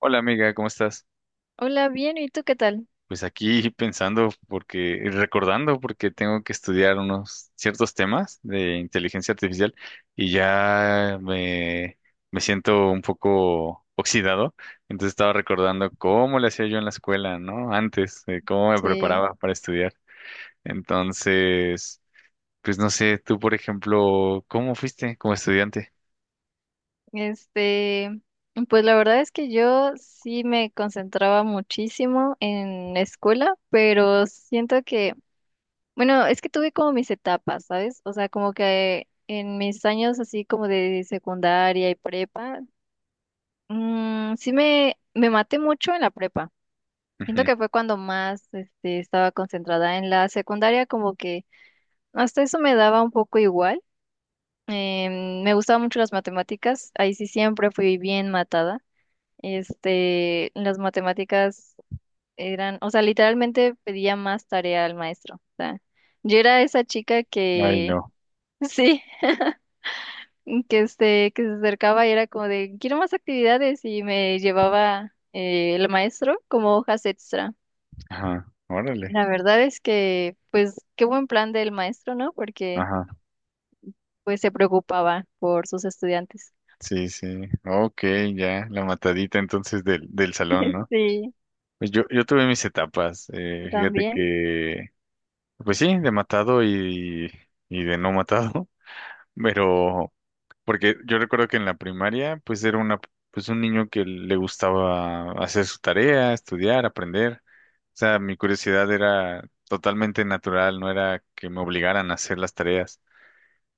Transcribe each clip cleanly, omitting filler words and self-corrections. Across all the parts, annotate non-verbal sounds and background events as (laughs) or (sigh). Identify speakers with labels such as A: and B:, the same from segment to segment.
A: Hola amiga, ¿cómo estás?
B: Hola, bien, ¿y tú qué tal?
A: Pues aquí pensando porque, recordando porque tengo que estudiar unos ciertos temas de inteligencia artificial y ya me siento un poco oxidado. Entonces estaba recordando cómo le hacía yo en la escuela, ¿no? Antes, cómo me
B: Sí,
A: preparaba para estudiar. Entonces, pues no sé, tú por ejemplo, ¿cómo fuiste como estudiante?
B: este, pues la verdad es que yo sí me concentraba muchísimo en la escuela, pero siento que, bueno, es que tuve como mis etapas, ¿sabes? O sea, como que en mis años así como de secundaria y prepa, sí me maté mucho en la prepa. Siento
A: Ujú.
B: que fue cuando más, estaba concentrada en la secundaria, como que hasta eso me daba un poco igual. Me gustaban mucho las matemáticas, ahí sí siempre fui bien matada. Las matemáticas eran, o sea, literalmente pedía más tarea al maestro. O sea, yo era esa chica
A: Ay,
B: que,
A: no.
B: (laughs) sí, que se acercaba y era como de, quiero más actividades y me llevaba el maestro como hojas extra.
A: Ajá. Órale.
B: La verdad es que, pues, qué buen plan del maestro, ¿no? Porque, pues, se preocupaba por sus estudiantes.
A: Sí, sí. Ok, ya, la matadita entonces del salón, ¿no?
B: Sí,
A: Pues yo tuve mis etapas. Fíjate
B: también,
A: que, pues sí, de matado y de no matado, (laughs) pero porque yo recuerdo que en la primaria, pues era una, pues un niño que le gustaba hacer su tarea, estudiar, aprender. O sea, mi curiosidad era totalmente natural, no era que me obligaran a hacer las tareas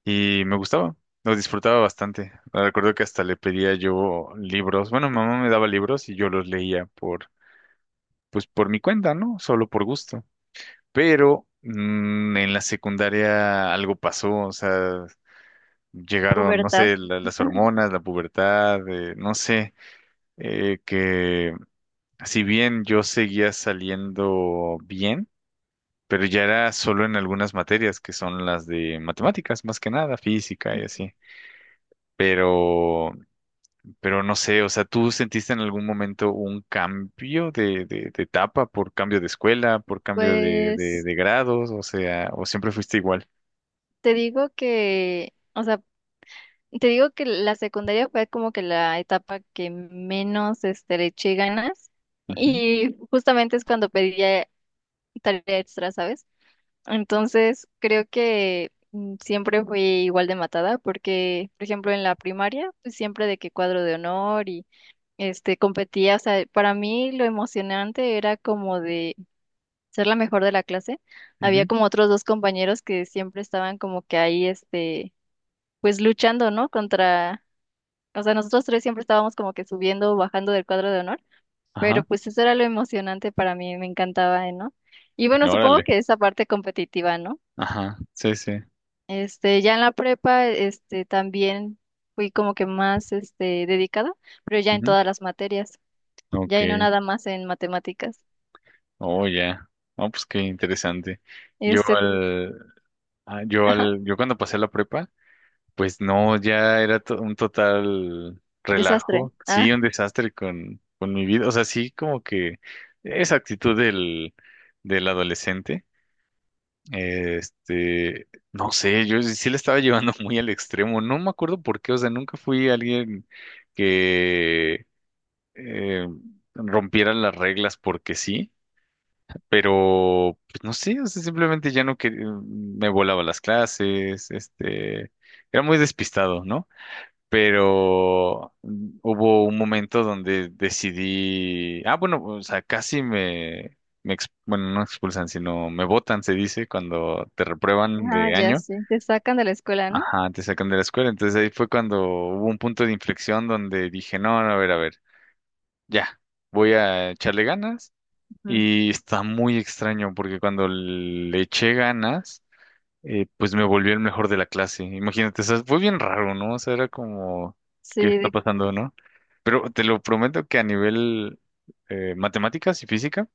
A: y me gustaba, lo disfrutaba bastante. Recuerdo que hasta le pedía yo libros, bueno, mi mamá me daba libros y yo los leía por, pues por mi cuenta, ¿no? Solo por gusto. Pero en la secundaria algo pasó, o sea, llegaron, no
B: pubertad.
A: sé, las hormonas, la pubertad, no sé, que si bien yo seguía saliendo bien, pero ya era solo en algunas materias que son las de matemáticas, más que nada, física y así pero Pero no sé, o sea, ¿tú sentiste en algún momento un cambio de etapa por cambio de escuela, por cambio de,
B: Pues
A: de, de grados? O sea, ¿o siempre fuiste igual?
B: te digo que, o sea, te digo que la secundaria fue como que la etapa que menos le eché ganas
A: Ujú,
B: y justamente es cuando pedía tarea extra, ¿sabes? Entonces creo que siempre fui igual de matada porque, por ejemplo, en la primaria, pues siempre de que cuadro de honor y competía, o sea, para mí lo emocionante era como de ser la mejor de la clase, había
A: ujú.
B: como otros dos compañeros que siempre estaban como que ahí, pues luchando, ¿no? Contra, o sea, nosotros tres siempre estábamos como que subiendo o bajando del cuadro de honor, pero
A: Ajá,
B: pues eso era lo emocionante para mí, me encantaba, ¿eh, ¿no? Y bueno, supongo
A: órale.
B: que esa parte competitiva, ¿no?
A: Ajá, sí, sí.
B: Ya en la prepa, también fui como que más, dedicada, pero ya en
A: Ujú.
B: todas las materias,
A: Ok,
B: ya y no nada más en matemáticas.
A: oh, ya. No, pues qué interesante. Yo
B: Este,
A: al, ah, yo
B: ajá,
A: al, Yo cuando pasé la prepa, pues no, ya era un total
B: desastre.
A: relajo, sí, un desastre con mi vida, o sea, sí, como que esa actitud del adolescente, no sé, yo sí la estaba llevando (laughs) muy al extremo, no me acuerdo por qué, o sea, nunca fui alguien que eh, rompiera las reglas porque sí, pero, pues no sé, o sea, simplemente ya no quería, me volaba las clases, era muy despistado, ¿no? Pero hubo un momento donde decidí, ah, bueno, o sea, bueno, no expulsan, sino me botan, se dice, cuando te reprueban
B: Ah,
A: de
B: ya
A: año.
B: sí, te sacan de la escuela, ¿no?
A: Ajá, te sacan de la escuela. Entonces ahí fue cuando hubo un punto de inflexión donde dije, no, no, a ver, ya, voy a echarle ganas.
B: Ujú.
A: Y está muy extraño porque cuando le eché ganas, pues me volví el mejor de la clase. Imagínate, o sea, fue bien raro, ¿no? O sea, era como,
B: Sí,
A: ¿qué está pasando, no? Pero te lo prometo que a nivel matemáticas y física,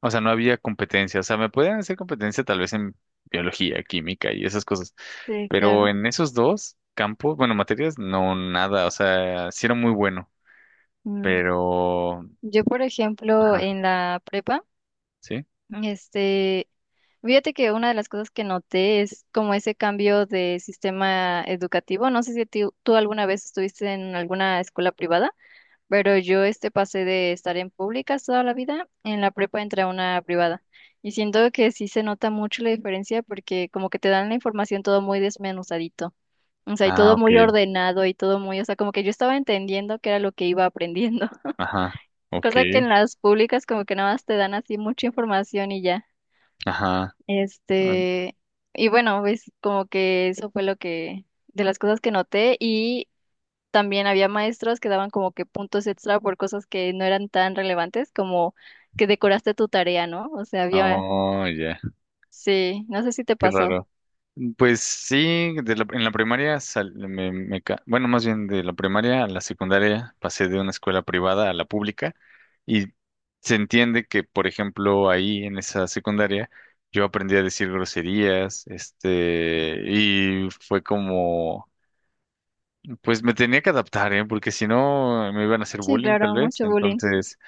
A: o sea, no había competencia. O sea, me podían hacer competencia tal vez en biología, química y esas cosas.
B: sí,
A: Pero
B: claro.
A: en esos dos campos, bueno, materias, no nada. O sea, sí era muy bueno,
B: Mm.
A: pero...
B: Yo, por ejemplo,
A: Ajá,
B: en la prepa,
A: ¿sí?
B: este, fíjate que una de las cosas que noté es como ese cambio de sistema educativo. No sé si tú alguna vez estuviste en alguna escuela privada, pero yo pasé de estar en públicas toda la vida, en la prepa entré a una privada. Y siento que sí se nota mucho la diferencia porque como que te dan la información todo muy desmenuzadito. O sea, y
A: Ah,
B: todo
A: ok.
B: muy ordenado y todo muy, o sea, como que yo estaba entendiendo qué era lo que iba aprendiendo. (laughs)
A: Ajá, ok.
B: Cosa que en las públicas como que nada más te dan así mucha información y ya.
A: Ajá. Ah,
B: Este, y bueno, pues como que eso fue lo que, de las cosas que noté y también había maestros que daban como que puntos extra por cosas que no eran tan relevantes como que decoraste tu tarea, ¿no? O sea, había,
A: oh, ya.
B: sí, no sé si te
A: Qué
B: pasó.
A: raro. Pues sí, en la primaria, bueno, más bien de la primaria a la secundaria pasé de una escuela privada a la pública y se entiende que, por ejemplo, ahí en esa secundaria yo aprendí a decir groserías, y fue como, pues me tenía que adaptar, ¿eh? Porque si no me iban a hacer
B: Sí,
A: bullying tal
B: claro,
A: vez.
B: mucho bullying.
A: Entonces,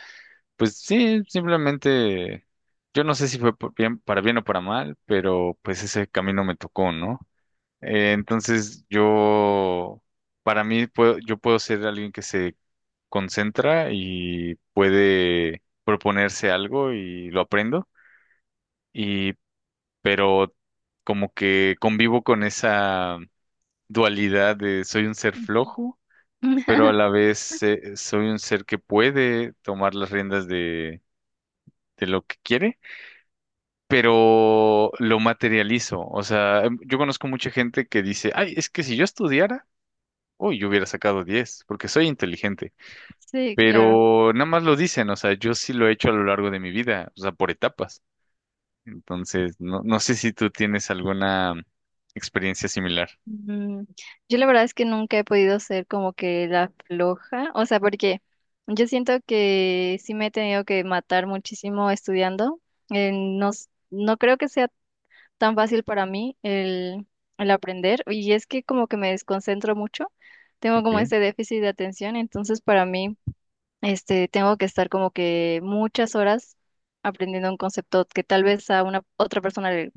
A: pues sí, simplemente, yo no sé si fue por bien, para bien o para mal, pero pues ese camino me tocó, ¿no? Entonces yo, para mí, puedo, yo puedo ser alguien que se concentra y puede proponerse algo y lo aprendo, y, pero como que convivo con esa dualidad de soy un ser flojo, pero a la
B: (laughs)
A: vez soy un ser que puede tomar las riendas de lo que quiere, pero lo materializo. O sea, yo conozco mucha gente que dice, ay, es que si yo estudiara... Uy, yo hubiera sacado 10, porque soy inteligente,
B: Sí, claro.
A: pero nada más lo dicen, o sea, yo sí lo he hecho a lo largo de mi vida, o sea, por etapas. Entonces, no, no sé si tú tienes alguna experiencia similar.
B: Mm, yo la verdad es que nunca he podido ser como que la floja, o sea, porque yo siento que sí me he tenido que matar muchísimo estudiando. No, no creo que sea tan fácil para mí el aprender y es que como que me desconcentro mucho, tengo como
A: Okay.
B: este déficit de atención, entonces para mí tengo que estar como que muchas horas aprendiendo un concepto que tal vez a una otra persona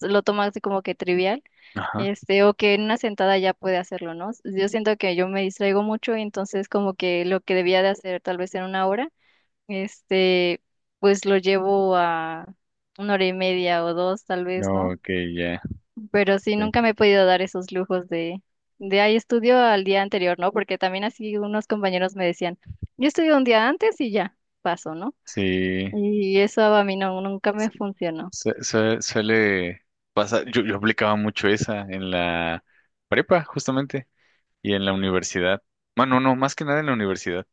B: lo toma así como que trivial.
A: Ajá.
B: O que en una sentada ya puede hacerlo, ¿no? Yo siento que yo me distraigo mucho y entonces como que lo que debía de hacer tal vez en una hora, este, pues lo llevo a una hora y media o dos tal vez,
A: No,
B: ¿no?
A: ok, ya.
B: Pero sí, nunca me he podido dar esos lujos de ahí estudio al día anterior, ¿no? Porque también así unos compañeros me decían, yo estudio un día antes y ya, paso, ¿no?
A: Sí,
B: Y eso a mí no, nunca me
A: su-
B: funcionó.
A: suele pasar. Yo aplicaba mucho esa en la prepa, justamente, y en la universidad. Bueno, no, más que nada en la universidad.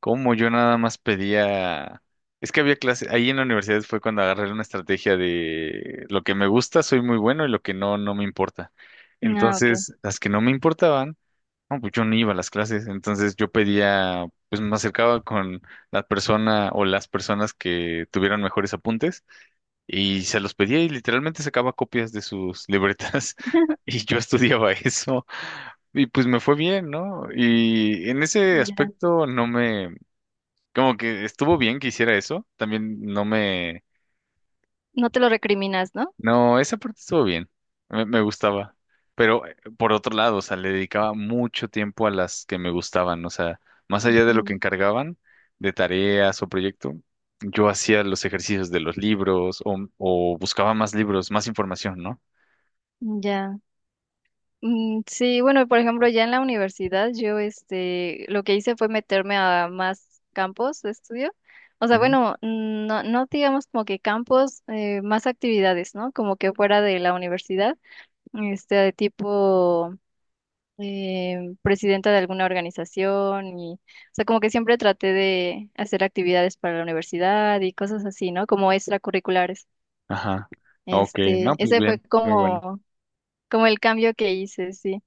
A: Como yo nada más pedía, es que había clases, ahí en la universidad fue cuando agarré una estrategia de lo que me gusta, soy muy bueno y lo que no, no me importa.
B: Ah, ok.
A: Entonces, las que no me importaban, no, pues yo no iba a las clases, entonces yo pedía, pues me acercaba con la persona o las personas que tuvieran mejores apuntes y se los pedía y literalmente sacaba copias de sus libretas (laughs)
B: (laughs)
A: y yo estudiaba eso y pues me fue bien, ¿no? Y en ese
B: Ya.
A: aspecto no me como que estuvo bien que hiciera eso. También no me...
B: No te lo recriminas, ¿no?
A: No, esa parte estuvo bien. Me gustaba. Pero por otro lado, o sea, le dedicaba mucho tiempo a las que me gustaban. O sea, más allá de lo que
B: Ujú.
A: encargaban de tareas o proyecto, yo hacía los ejercicios de los libros o buscaba más libros, más información, ¿no?
B: Ya. Mm, sí, bueno, por ejemplo, ya en la universidad yo lo que hice fue meterme a más campos de estudio. O sea,
A: Ujú.
B: bueno, mm, no, no digamos como que campos, más actividades, ¿no? Como que fuera de la universidad, de tipo presidenta de alguna organización y, o sea, como que siempre traté de hacer actividades para la universidad y cosas así, ¿no? Como extracurriculares.
A: Ajá. Ok, no, pues
B: Ese fue
A: bien, muy bueno.
B: como, como el cambio que hice, sí.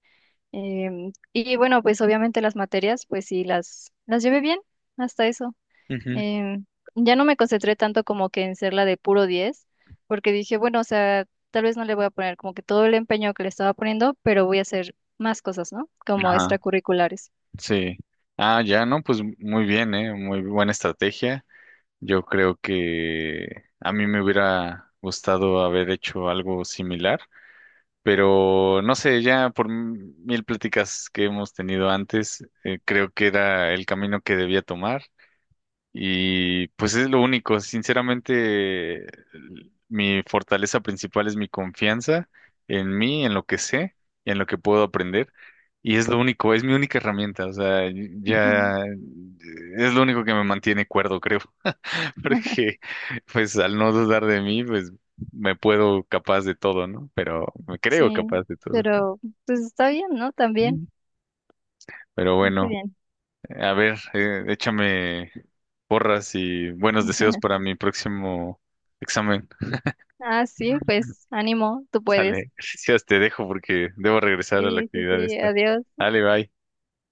B: Y bueno, pues obviamente las materias, pues sí, las llevé bien hasta eso.
A: Ujú.
B: Em, ya no me concentré tanto como que en ser la de puro 10 porque dije, bueno, o sea, tal vez no le voy a poner como que todo el empeño que le estaba poniendo, pero voy a hacer más cosas, ¿no? Como
A: Ajá,
B: extracurriculares.
A: sí. Ah, ya, no, pues muy bien, ¿eh? Muy buena estrategia. Yo creo que a mí me hubiera gustado haber hecho algo similar, pero no sé, ya por mil pláticas que hemos tenido antes, creo que era el camino que debía tomar y pues es lo único. Sinceramente, mi fortaleza principal es mi confianza en mí, en lo que sé, en lo que puedo aprender y es lo único, es mi única herramienta, o sea,
B: Ujú.
A: ya es lo único que me mantiene cuerdo, creo. (laughs)
B: (laughs)
A: Porque pues al no dudar de mí, pues me puedo capaz de todo, ¿no? Pero me creo
B: Sí,
A: capaz de todo.
B: pero pues está bien, ¿no? También.
A: Mm. Pero
B: Qué
A: bueno,
B: bien.
A: a ver, échame porras y buenos deseos para
B: (laughs)
A: mi próximo examen.
B: Ah, sí,
A: (laughs)
B: pues ánimo, tú puedes.
A: Sale, gracias, te dejo porque debo regresar a la
B: Sí, sí,
A: actividad
B: sí,
A: esta.
B: adiós.
A: Dale, bye.